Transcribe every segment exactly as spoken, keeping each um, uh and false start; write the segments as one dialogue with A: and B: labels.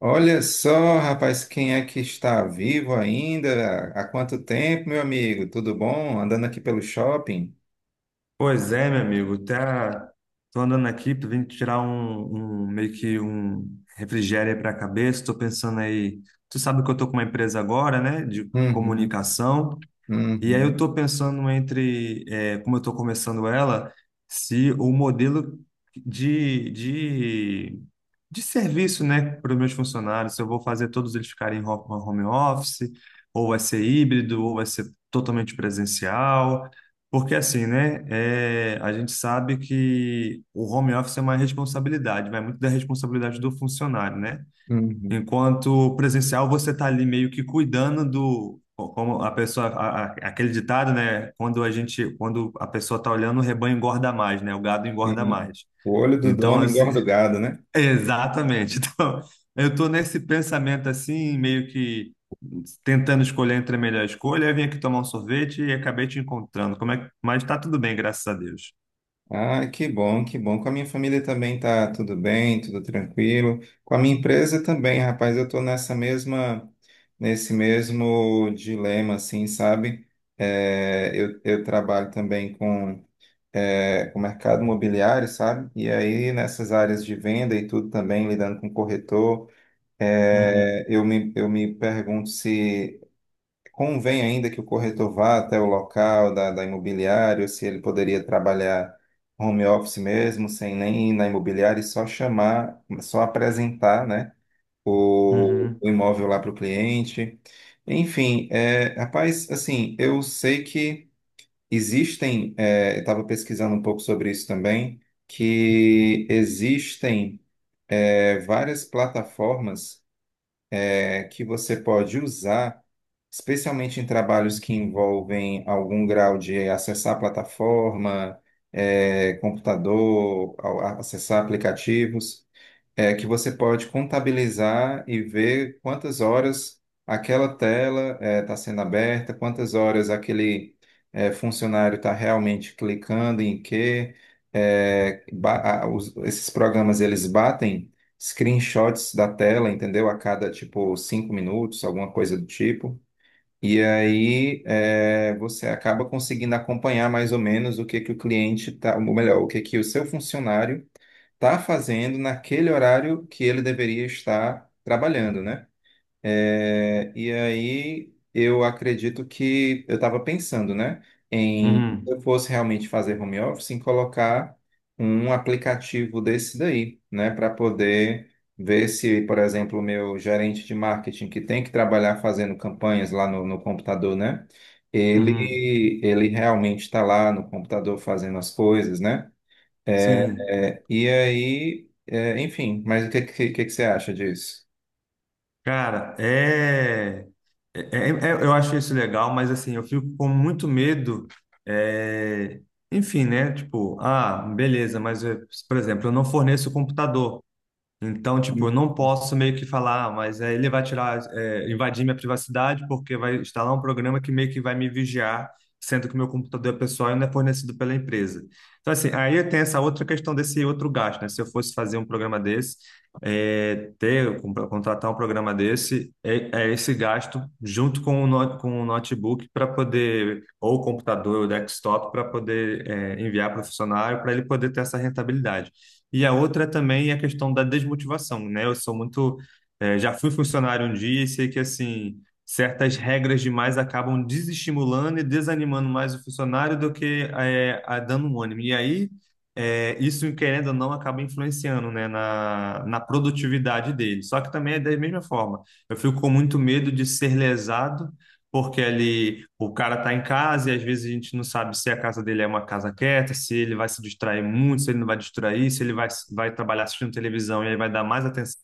A: Olha só, rapaz, quem é que está vivo ainda? Há quanto tempo, meu amigo? Tudo bom? Andando aqui pelo shopping?
B: Pois é, meu amigo, tá, tô andando aqui, tô vindo tirar um, um- meio que um refrigério para a cabeça, tô pensando aí, tu sabe que eu tô com uma empresa agora, né, de
A: Uhum,
B: comunicação, e aí eu
A: uhum,
B: tô pensando entre, é, como eu tô começando ela, se o modelo de, de, de serviço, né, para os meus funcionários, se eu vou fazer todos eles ficarem em ho- home office, ou vai ser híbrido, ou vai ser totalmente presencial, porque assim, né, é, a gente sabe que o home office é uma responsabilidade, vai muito da responsabilidade do funcionário, né?
A: uhum.
B: Enquanto presencial, você está ali meio que cuidando do, co- como a pessoa, a- a- aquele ditado, né? Quando a gente, quando a pessoa está olhando, o rebanho engorda mais, né? O gado engorda
A: Sim.
B: mais.
A: O olho do
B: Então,
A: dono
B: assim,
A: engorda o gado, né?
B: exatamente. Então, eu estou nesse pensamento assim, meio que tentando escolher entre a melhor escolha. Eu vim aqui tomar um sorvete e acabei te encontrando. Como é que... Mas está tudo bem, graças a Deus.
A: Ah, que bom, que bom. Com a minha família também tá tudo bem, tudo tranquilo. Com a minha empresa também, rapaz, eu tô nessa mesma, nesse mesmo dilema, assim, sabe? É, eu, eu trabalho também com é, o mercado imobiliário, sabe? E aí nessas áreas de venda e tudo também, lidando com corretor,
B: Uhum,
A: é, eu me, eu me pergunto se convém ainda que o corretor vá até o local da, da imobiliária, ou se ele poderia trabalhar home office mesmo, sem nem ir na imobiliária e só chamar, só apresentar, né, o,
B: uhum,
A: o imóvel lá para o cliente. Enfim, é, rapaz, assim, eu sei que Existem, é, estava pesquisando um pouco sobre isso também, que existem é, várias plataformas é, que você pode usar, especialmente em trabalhos que envolvem algum grau de acessar a plataforma, é, computador, ao- a- acessar aplicativos é que você pode contabilizar e ver quantas horas aquela tela está sendo aberta, quantas horas aquele eh, funcionário está realmente clicando em que eh, ba- a- os- esses programas eles batem screenshots da tela, entendeu? A cada tipo cinco minutos, alguma coisa do tipo. E aí eh, você acaba conseguindo acompanhar mais ou menos o que que o cliente tá, ou melhor, o que que o seu funcionário está fazendo naquele horário que ele deveria estar trabalhando, né? É, e aí eu acredito que eu estava pensando, né, em se
B: uhum,
A: eu fosse realmente fazer home office, em colocar um aplicativo desse daí, né, para poder ver se, por exemplo, o meu gerente de marketing que tem que trabalhar fazendo campanhas lá no, no computador, né?
B: uhum.
A: Ele, ele realmente está lá no computador fazendo as coisas, né? É,
B: Sim.
A: é, e aí, é, enfim, mas o que, que, que que você acha disso?
B: Cara, é, é- é- é- eu acho isso legal, mas assim, eu fico com muito medo, é, enfim, né? Tipo, ah, beleza, mas, eu- por exemplo, eu não forneço o computador. Então, tipo, eu não posso meio que falar, "Ah, mas é, ele vai tirar, é, invadir minha privacidade porque vai instalar um programa que meio que vai me vigiar, sendo que meu computador é pessoal e não é fornecido pela empresa. Então, assim, aí tem essa outra questão desse outro gasto, né? Se eu fosse fazer um programa desse, é, ter, com- contratar um programa desse, é, é esse gasto junto com o, no- com o notebook para poder, ou o computador, ou o desktop, para poder, é, enviar para o funcionário, para ele poder ter essa rentabilidade. E a outra também é a questão da desmotivação, né? Eu sou muito, eh, já fui funcionário um dia e sei que assim certas regras demais acabam desestimulando e desanimando mais o funcionário do que eh, a dando um ânimo. E aí eh, isso querendo ou não acaba influenciando, né, na, na produtividade dele. Só que também é da mesma forma. Eu fico com muito medo de ser lesado porque ali o cara tá em casa e às vezes a gente não sabe se a casa dele é uma casa quieta, se ele vai se distrair muito, se ele não vai distrair, se ele vai, vai trabalhar assistindo televisão e aí vai dar mais atenção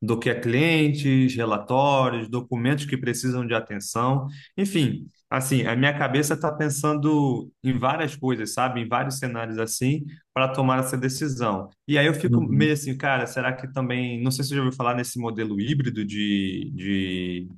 B: do que a clientes, relatórios, documentos que precisam de atenção. Enfim, assim, a minha cabeça está pensando em várias coisas, sabe? Em vários cenários assim, para tomar essa decisão. E aí eu fico meio
A: Uhum.
B: assim, cara, será que também, não sei se você já ouviu falar nesse modelo híbrido de, de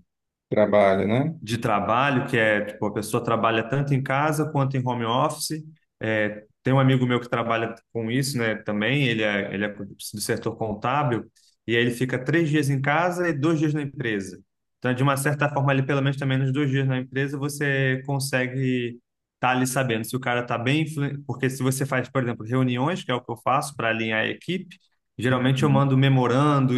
A: Trabalho, né?
B: de trabalho, que é, tipo, a pessoa trabalha tanto em casa quanto em home office. É, tem um amigo meu que trabalha com isso, né, também, ele é, ele é do setor contábil, e aí ele fica três dias em casa e dois dias na empresa. Então, de uma certa forma, ali, pelo menos também nos dois dias na empresa, você consegue estar ali sabendo se o cara está bem, influ- porque se você faz, por exemplo, reuniões, que é o que eu faço para alinhar a equipe, geralmente eu
A: Uhum.
B: mando memorando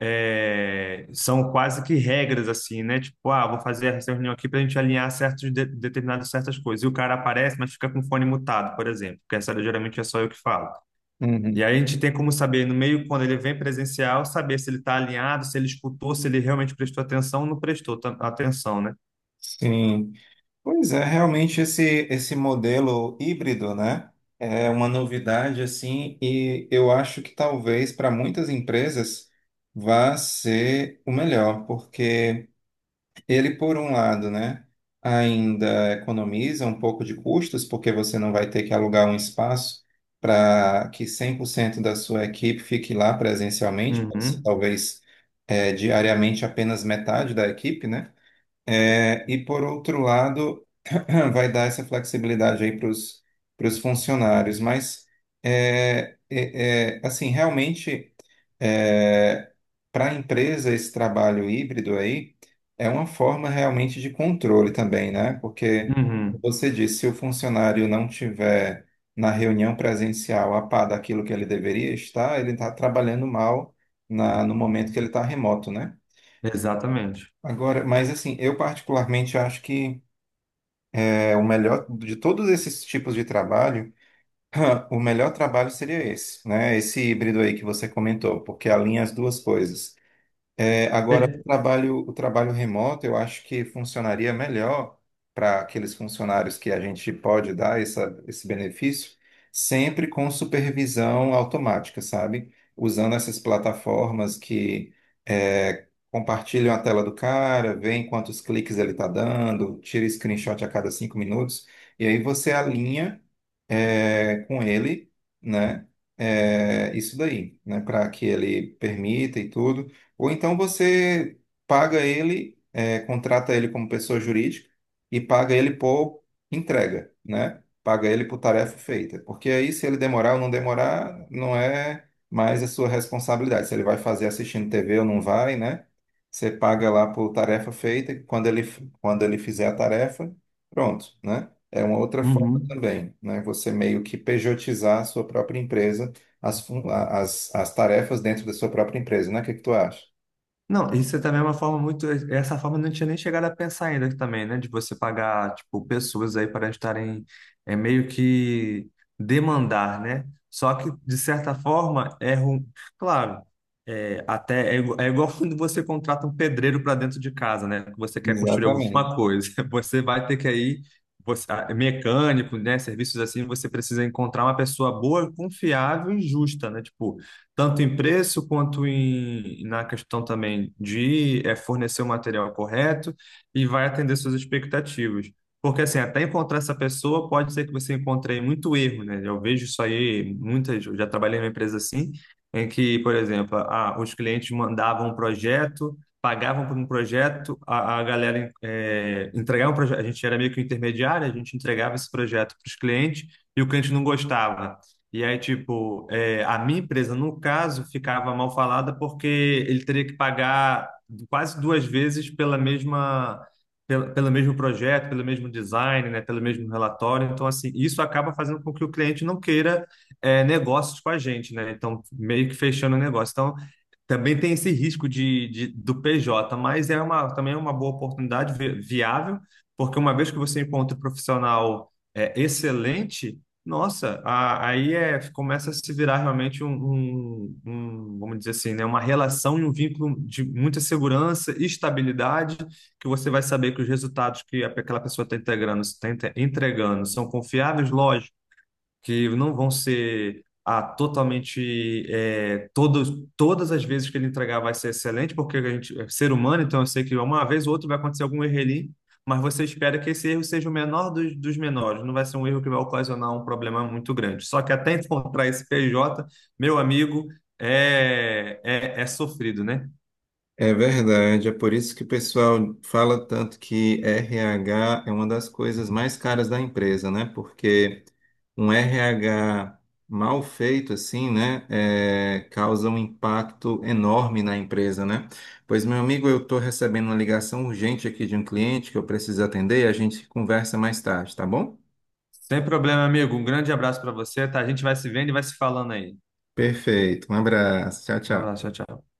B: é, são quase que regras assim, né? Tipo, ah, vou fazer essa reunião aqui para a gente alinhar certos de, determinadas certas coisas. E o cara aparece, mas fica com o fone mutado, por exemplo, porque essa geralmente é só eu que falo.
A: Uhum.
B: E aí a gente tem como saber no meio quando ele vem presencial, saber se ele está alinhado, se ele escutou, se ele realmente prestou atenção ou não prestou ta- atenção, né?
A: Sim. Pois é, realmente esse, esse modelo híbrido, né? É uma novidade, assim, e eu acho que talvez para muitas empresas vá ser o melhor, porque, ele, por um lado, né, ainda economiza um pouco de custos, porque você não vai ter que alugar um espaço para que cem por cento da sua equipe fique lá presencialmente, pode ser,
B: Uhum,
A: talvez eh, diariamente apenas metade da equipe, né? Eh, e, por outro lado, vai dar essa flexibilidade aí para os funcionários, mas é, é, é, assim, realmente para a empresa esse trabalho híbrido aí é uma forma realmente de controle também, né? Porque como
B: uhum,
A: você disse, se o funcionário não tiver na reunião presencial a par daquilo que ele deveria estar, ele está trabalhando mal na, no momento que ele está remoto, né?
B: exatamente.
A: Agora, mas assim, eu particularmente acho que é o melhor de todos esses tipos de trabalho, o melhor trabalho seria esse, né? Esse híbrido aí que você comentou, porque alinha as duas coisas. É, agora, o
B: É,
A: trabalho, o trabalho remoto, eu acho que funcionaria melhor para aqueles funcionários que a gente pode dar essa, esse benefício, sempre com supervisão automática, sabe? Usando essas plataformas que é, compartilham a tela do cara, veem quantos cliques ele está dando, tira screenshot a cada cinco minutos, e aí você alinha é, com ele, né? É, isso daí, né? Para que ele permita e tudo. Ou então você paga ele, é, contrata ele como pessoa jurídica e paga ele por entrega, né? Paga ele por tarefa feita. Porque aí, se ele demorar ou não demorar, não é mais a sua responsabilidade. Se ele vai fazer assistindo T V ou não vai, né? Você paga lá por tarefa feita, e quando ele, quando ele fizer a tarefa, pronto, né? É uma outra forma
B: uhum.
A: também, né? Você meio que pejotizar a sua própria empresa, as, fun- a- as, as tarefas dentro da sua própria empresa, né? O que que tu acha?
B: Não, isso também é uma forma muito. Essa forma eu não tinha nem chegado a pensar ainda também, né? De você pagar, tipo, pessoas aí para estarem é, meio que demandar, né? Só que, de certa forma, é ruim. Claro, é, até é, igu- é igual quando você contrata um pedreiro para dentro de casa, né? Que você quer construir alguma
A: Exatamente.
B: coisa. Você vai ter que aí, você, ah, é mecânico, né? Serviços assim, você precisa encontrar uma pessoa boa, confiável e justa, né? Tipo, tanto em preço quanto em, na questão também de eh, fornecer o material correto e vai atender suas expectativas. Porque assim, até encontrar essa pessoa, pode ser que você encontre aí muito erro, né? Eu vejo isso aí, muitas, eu já trabalhei numa empresa assim, em que, por exemplo, ah, os clientes mandavam um projeto, pagavam por um projeto, a, a galera eh, entregava um projeto, a gente era meio que um intermediário, a gente entregava esse projeto para os clientes e o cliente não gostava. E aí, tipo, é, a minha empresa, no caso, ficava mal falada porque ele teria que pagar quase duas vezes pela mesma, pelo, pelo mesmo projeto, pelo mesmo design, né, pelo mesmo relatório. Então, assim, isso acaba fazendo com que o cliente não queira é, negócios com a gente, né? Então, meio que fechando o negócio. Então, também tem esse risco de, de- do P J, mas é uma, também é uma boa oportunidade vi- viável, porque uma vez que você encontra um profissional é, excelente, nossa, a- aí é, começa a se virar realmente um, um- um, vamos dizer assim, né, uma relação e um vínculo de muita segurança e estabilidade, que você vai saber que os resultados que aquela pessoa está integrando, está entregando são confiáveis, que não vão ser ah, totalmente é, todos, todas as vezes que ele entregar vai ser excelente, porque a gente é ser humano, então eu sei que uma vez ou outra vai acontecer algum erro ali, mas você espera que esse erro seja o menor dos, dos menores, não vai ser um erro que vai ocasionar um problema muito grande. Só que até encontrar esse P J, meu amigo, é, é, é sofrido, né?
A: É verdade, é por isso que o pessoal fala tanto que R H é uma das coisas mais caras da empresa, né? Porque um R H mal feito, assim, né, é, causa um impacto enorme na empresa, né? Pois, meu amigo, eu estou recebendo uma ligação urgente aqui de um cliente que eu preciso atender e a gente conversa mais tarde, tá bom?
B: Sem problema, amigo. Um grande abraço para você, tá? A gente vai se vendo e vai se falando aí.
A: Perfeito, um abraço, tchau,
B: Um
A: tchau.
B: abraço, tchau, tchau.